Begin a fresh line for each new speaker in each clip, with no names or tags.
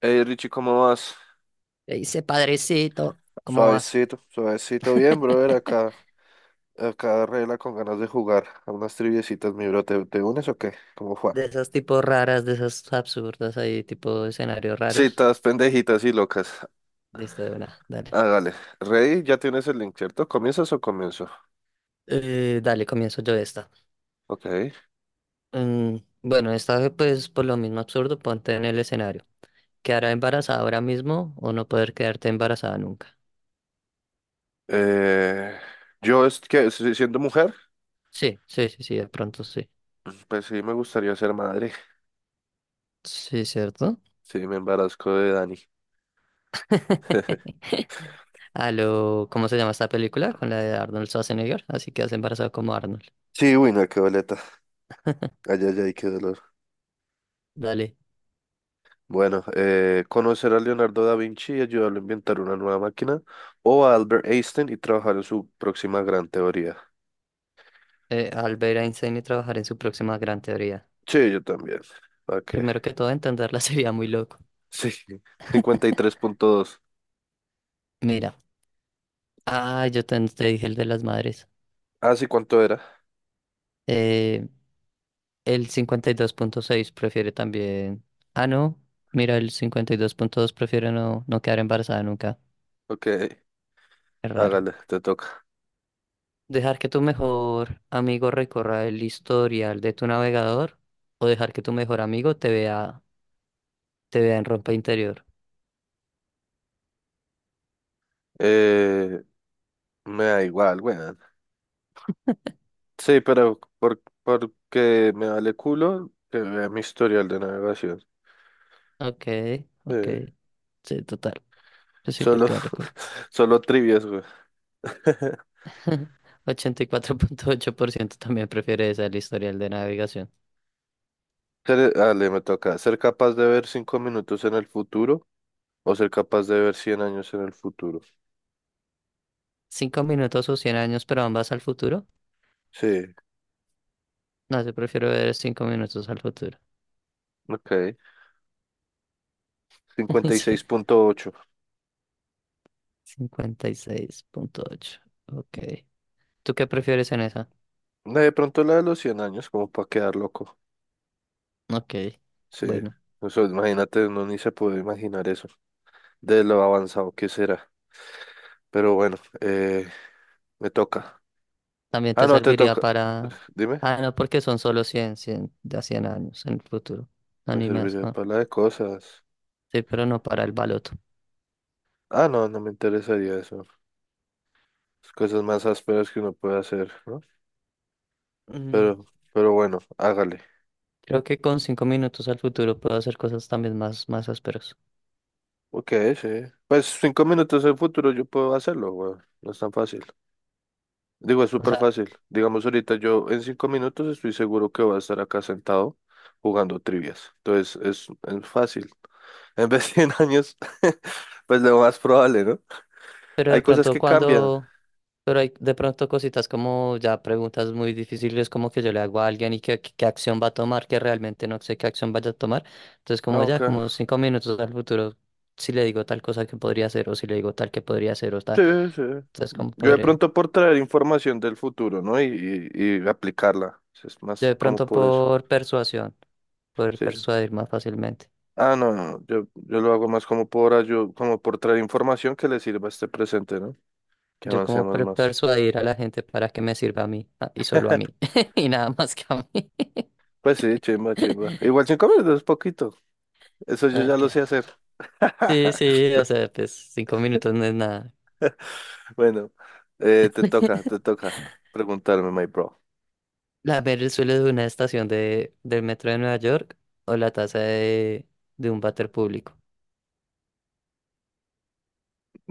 Hey Richie, ¿cómo vas?
Le dice, padrecito, ¿cómo vas?
Suavecito, suavecito, bien, brother, acá, regla con ganas de jugar a unas triviecitas, mi bro, ¿te unes o qué? ¿Cómo fue?
De esas tipos raras, de esas absurdas, ahí tipo escenarios raros.
Citas pendejitas y locas.
Listo, de una, dale.
Hágale. Rey, ya tienes el link, ¿cierto? ¿Comienzas o comienzo?
Dale, comienzo yo esta.
Ok.
Mm, bueno, esta pues por lo mismo absurdo, ponte en el escenario. ¿Quedará embarazada ahora mismo o no poder quedarte embarazada nunca?
Eh, yo es que siendo mujer,
Sí, sí, sí, sí, de pronto sí.
pues sí me gustaría ser madre.
Sí, ¿cierto?
Sí, me embarazco de Dani.
A lo, ¿cómo se llama esta película? Con la de Arnold Schwarzenegger, así que has embarazado como Arnold.
Sí, uy, no, qué boleta, ay, ay, ay, qué dolor.
Dale.
Bueno, conocer a Leonardo da Vinci y ayudarlo a inventar una nueva máquina, o a Albert Einstein y trabajar en su próxima gran teoría.
Al ver a Einstein y trabajar en su próxima gran teoría.
Sí, yo también. Ok.
Primero que todo, entenderla sería muy loco.
Sí, 53.2.
Mira, ah, yo te dije el de las madres.
Ah, sí, ¿cuánto era?
Eh, el 52.6 prefiere también. Ah, no. Mira, el 52.2 prefiere no, no quedar embarazada nunca.
Ok,
Es raro.
hágale, te toca.
Dejar que tu mejor amigo recorra el historial de tu navegador o dejar que tu mejor amigo te vea en ropa interior.
Eh, me da igual, weón. Sí, por, porque me vale culo que vea mi historial de navegación.
Ok, ok.
Eh,
Sí, total. Yo sí,
solo,
porque vale
solo trivias, güey.
84.8% también prefiere esa el historial de navegación.
Dale, me toca. ¿Ser capaz de ver 5 minutos en el futuro o ser capaz de ver 100 años en el futuro?
¿5 minutos o 100 años, pero ambas al futuro?
Sí,
No, yo prefiero ver 5 minutos al futuro.
ok.
Sí,
56.8.
56.8. Ok. ¿Tú qué prefieres en esa?
No, de pronto la de los 100 años, como para quedar loco.
Ok.
Sí,
Bueno,
eso, imagínate, uno ni se puede imaginar eso, de lo avanzado que será. Pero bueno, me toca.
también
Ah,
te
no, te
serviría
toca.
para...
Dime,
Ah, no, porque son solo cien de a 100 años en el futuro. No,
me
ni más,
serviría
no.
para la de cosas.
Sí, pero no para el baloto.
Ah, no, no me interesaría eso. Las cosas más ásperas que uno puede hacer, ¿no?
Mm,
Pero, pero bueno, hágale.
Creo que con cinco minutos al futuro puedo hacer cosas también más, más ásperas.
Ok, sí. Pues 5 minutos en futuro yo puedo hacerlo, weón. No es tan fácil. Digo, es
O
súper
sea,
fácil. Digamos, ahorita yo en 5 minutos estoy seguro que voy a estar acá sentado jugando trivias. Entonces, es fácil. En vez de en años, pues lo más probable, ¿no?
pero
Hay
de
cosas
pronto
que cambian.
cuando, pero hay de pronto cositas como ya preguntas muy difíciles como que yo le hago a alguien y qué acción va a tomar, que realmente no sé qué acción vaya a tomar. Entonces
No,
como
ok.
ya, como 5 minutos al futuro, si le digo tal cosa que podría hacer o si le digo tal que podría hacer o
Sí,
tal.
sí.
Entonces como
Yo de
podría,
pronto por traer información del futuro, ¿no? Y aplicarla. Es
yo
más
de
como
pronto
por eso.
por persuasión, poder
Sí, sí.
persuadir más fácilmente.
Ah, no, no, yo lo hago más como por como por traer información que le sirva a este presente, ¿no? Que
Yo como
avancemos más.
persuadir a la gente para que me sirva a mí ah, y solo a mí y nada más que a mí.
Pues sí, chimba, chimba. Igual 5 minutos es poquito. Eso yo ya
Ok.
lo sé hacer.
Sí, sí, o sea, pues 5 minutos no es nada.
Bueno, te toca preguntarme, my bro.
La ver el suelo de una estación del metro de Nueva York o la taza de un váter público.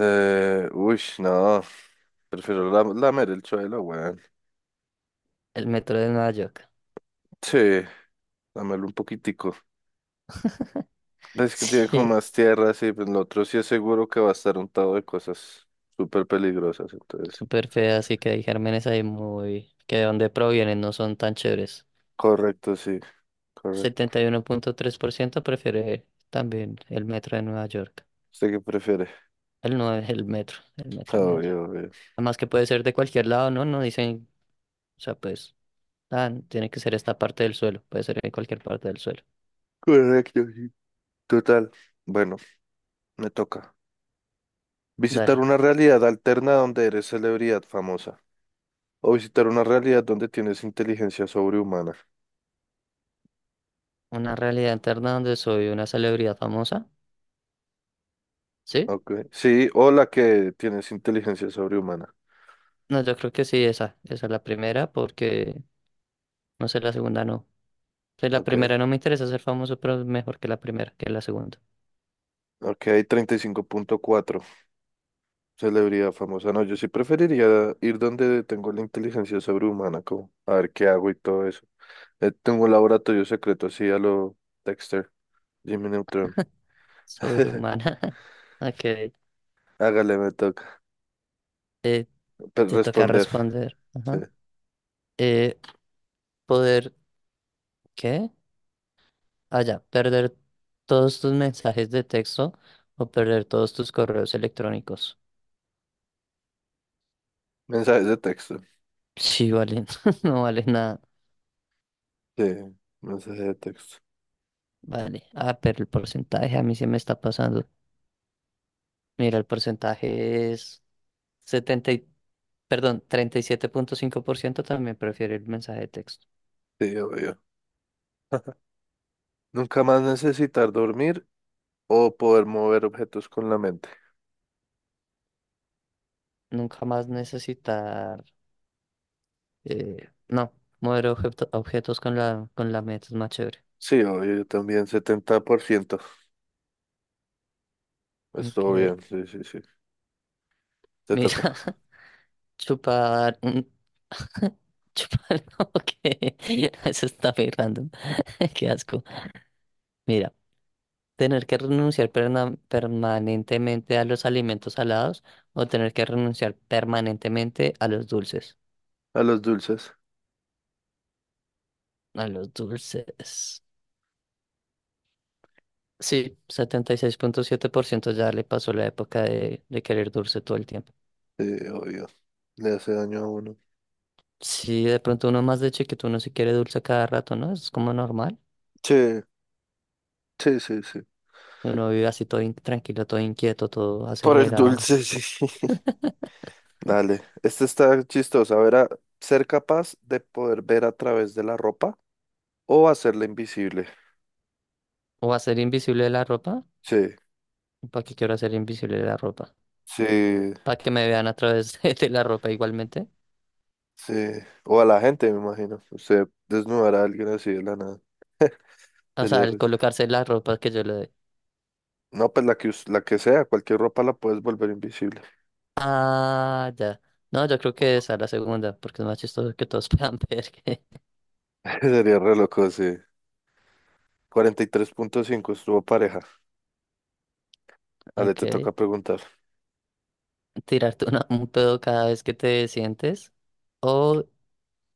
Uy, no, prefiero lamer el suelo, weón.
El metro de Nueva York.
Sí, lamerlo un poquitico. Ves que tiene como
Sí,
más tierra, sí, pero el otro sí es seguro que va a estar untado de cosas súper peligrosas, entonces.
súper fea, así que hay gérmenes ahí muy... que de dónde provienen no son tan chéveres.
Correcto, sí, correcto.
71.3% prefiere también el metro de Nueva York.
¿Usted qué prefiere?
El no es el metro de Nueva York.
Obvio, obvio.
Además que puede ser de cualquier lado, ¿no? No dicen, o sea, pues, ah, tiene que ser esta parte del suelo, puede ser en cualquier parte del suelo.
Correcto, sí. Total. Bueno, me toca. Visitar
Dale,
una realidad alterna donde eres celebridad famosa. O visitar una realidad donde tienes inteligencia sobrehumana.
una realidad interna donde soy una celebridad famosa, ¿sí?
Ok. Sí, o la que tienes inteligencia sobrehumana.
No, yo creo que sí, esa es la primera, porque no sé, la segunda no. Pues la primera
Ok.
no me interesa ser famoso, pero es mejor que la primera, que la segunda.
Ok, 35.4. Celebridad famosa. No, yo sí preferiría ir donde tengo la inteligencia sobrehumana, como a ver qué hago y todo eso. Tengo un laboratorio secreto así a lo Dexter, Jimmy Neutron.
Sobrehumana. Ok,
Hágale, me toca.
eh, te toca
Responder,
responder.
sí.
Ajá. Eh, Poder, ¿qué? Ah, ya, perder todos tus mensajes de texto o perder todos tus correos electrónicos.
Mensajes de texto,
Sí, vale, no vale nada.
sí. Mensajes de texto,
Vale, ah, pero el porcentaje a mí se me está pasando. Mira, el porcentaje es, 70 y- perdón, 37.5% también prefiere el mensaje de texto.
sí, obvio. Nunca más necesitar dormir o poder mover objetos con la mente.
Nunca más necesitar, no, mover objetos con la meta es más chévere.
Sí, obvio, yo también, 70%. Estuvo
Ok,
bien, sí, sí, sí. Te toca.
mira, chupar, chupar, no, que eso está muy random, qué asco. Mira, tener que renunciar permanentemente a los alimentos salados o tener que renunciar permanentemente a los dulces.
A los dulces,
A los dulces. Sí, 76.7% ya le pasó la época de querer dulce todo el tiempo.
sí, obvio. Le hace daño a uno.
Sí, de pronto uno más de chiquito uno se quiere dulce a cada rato, ¿no? Es como normal.
Sí, sí, sí, sí.
Uno vive así todo tranquilo, todo inquieto, todo
Por el
acelerado.
dulce, sí. Dale, este está chistoso. A ver, a- ser capaz de poder ver a través de la ropa o hacerla invisible.
O hacer invisible la ropa.
Sí,
¿Para qué quiero hacer invisible la ropa?
sí,
Para que me vean a través de la ropa igualmente.
sí, o a la gente, me imagino. Usted desnudará a alguien así de la nada.
O sea,
Sería
el
risa.
colocarse la ropa que yo le doy.
No, pues la que, la que sea, cualquier ropa la puedes volver invisible.
Ah, ya. No, yo creo que esa la segunda, porque es más chistoso que todos puedan ver que...
Sería re loco, sí. 43.5, estuvo pareja. Ale, te toca
Ok.
preguntar.
Tirarte un pedo cada vez que te sientes o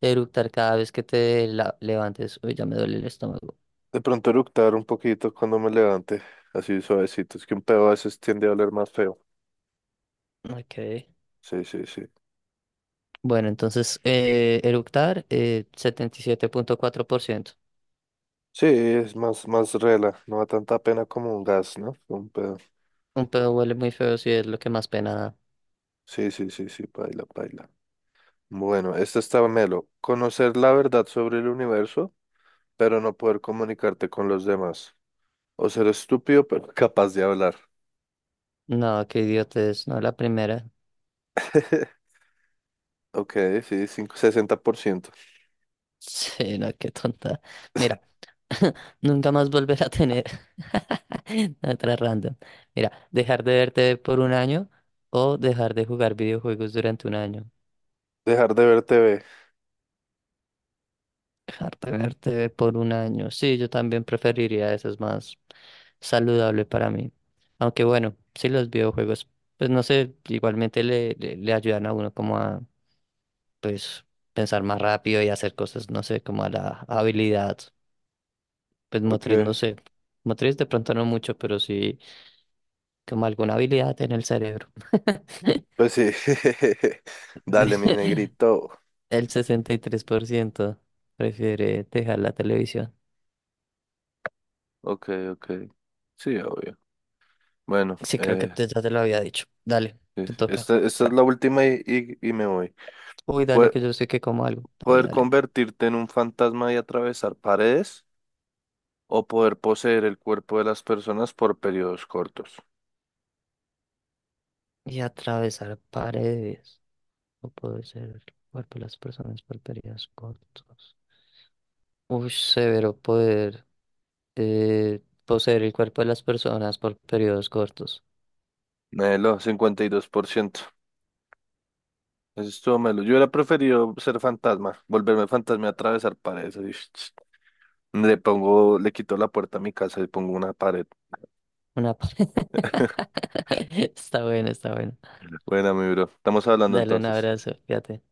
eructar cada vez que te levantes. Uy, ya me duele el estómago.
De pronto eructar un poquito cuando me levante, así suavecito. Es que un pedo a veces tiende a oler más feo.
Ok.
Sí, sí, sí.
Bueno, entonces eructar, 77.4%.
Sí, es más, más rela. No da tanta pena como un gas, ¿no? Un pedo.
Un pedo huele muy feo si es lo que más pena da.
Sí, sí, sí, sí, baila, baila. Bueno, esta está melo. Conocer la verdad sobre el universo pero no poder comunicarte con los demás. O ser estúpido, pero capaz de hablar.
No, qué idiotez, no la primera.
Ok, sí, 60%.
Sí, no, qué tonta. Mira, nunca más volver a tener otra random. Mira, dejar de verte por un año o dejar de jugar videojuegos durante un año.
Dejar de ver TV.
Harta verte por un año. Sí, yo también preferiría eso, es más saludable para mí. Aunque bueno, sí los videojuegos, pues no sé, igualmente le ayudan a uno como a pues pensar más rápido y hacer cosas, no sé, como a la habilidad, pues
Ok,
motriz, no sé. Motriz de pronto no mucho, pero sí como alguna habilidad en el cerebro.
pues sí. Dale, mi
De-
negrito.
El 63% prefiere dejar la televisión.
Ok, ok. Sí, obvio. Bueno,
Sí, creo que ya te lo había dicho. Dale, te toca.
esta es la última y me voy.
Uy, dale, que
poder
yo sé que como algo. Dale,
Poder
dale.
convertirte en un fantasma y atravesar paredes o poder poseer el cuerpo de las personas por periodos cortos.
Y atravesar paredes. O poder ser el cuerpo de las personas por periodos cortos. Uy, severo poder poseer el cuerpo de las personas por periodos cortos.
Melo, 52%. Eso estuvo malo. Yo hubiera preferido ser fantasma, volverme fantasma y atravesar paredes. Así, ch, ch. Le pongo, le quito la puerta a mi casa y pongo una pared.
Una pa- Está bueno, está bueno.
Buena, mi bro. Estamos hablando
Dale un
entonces.
abrazo, fíjate.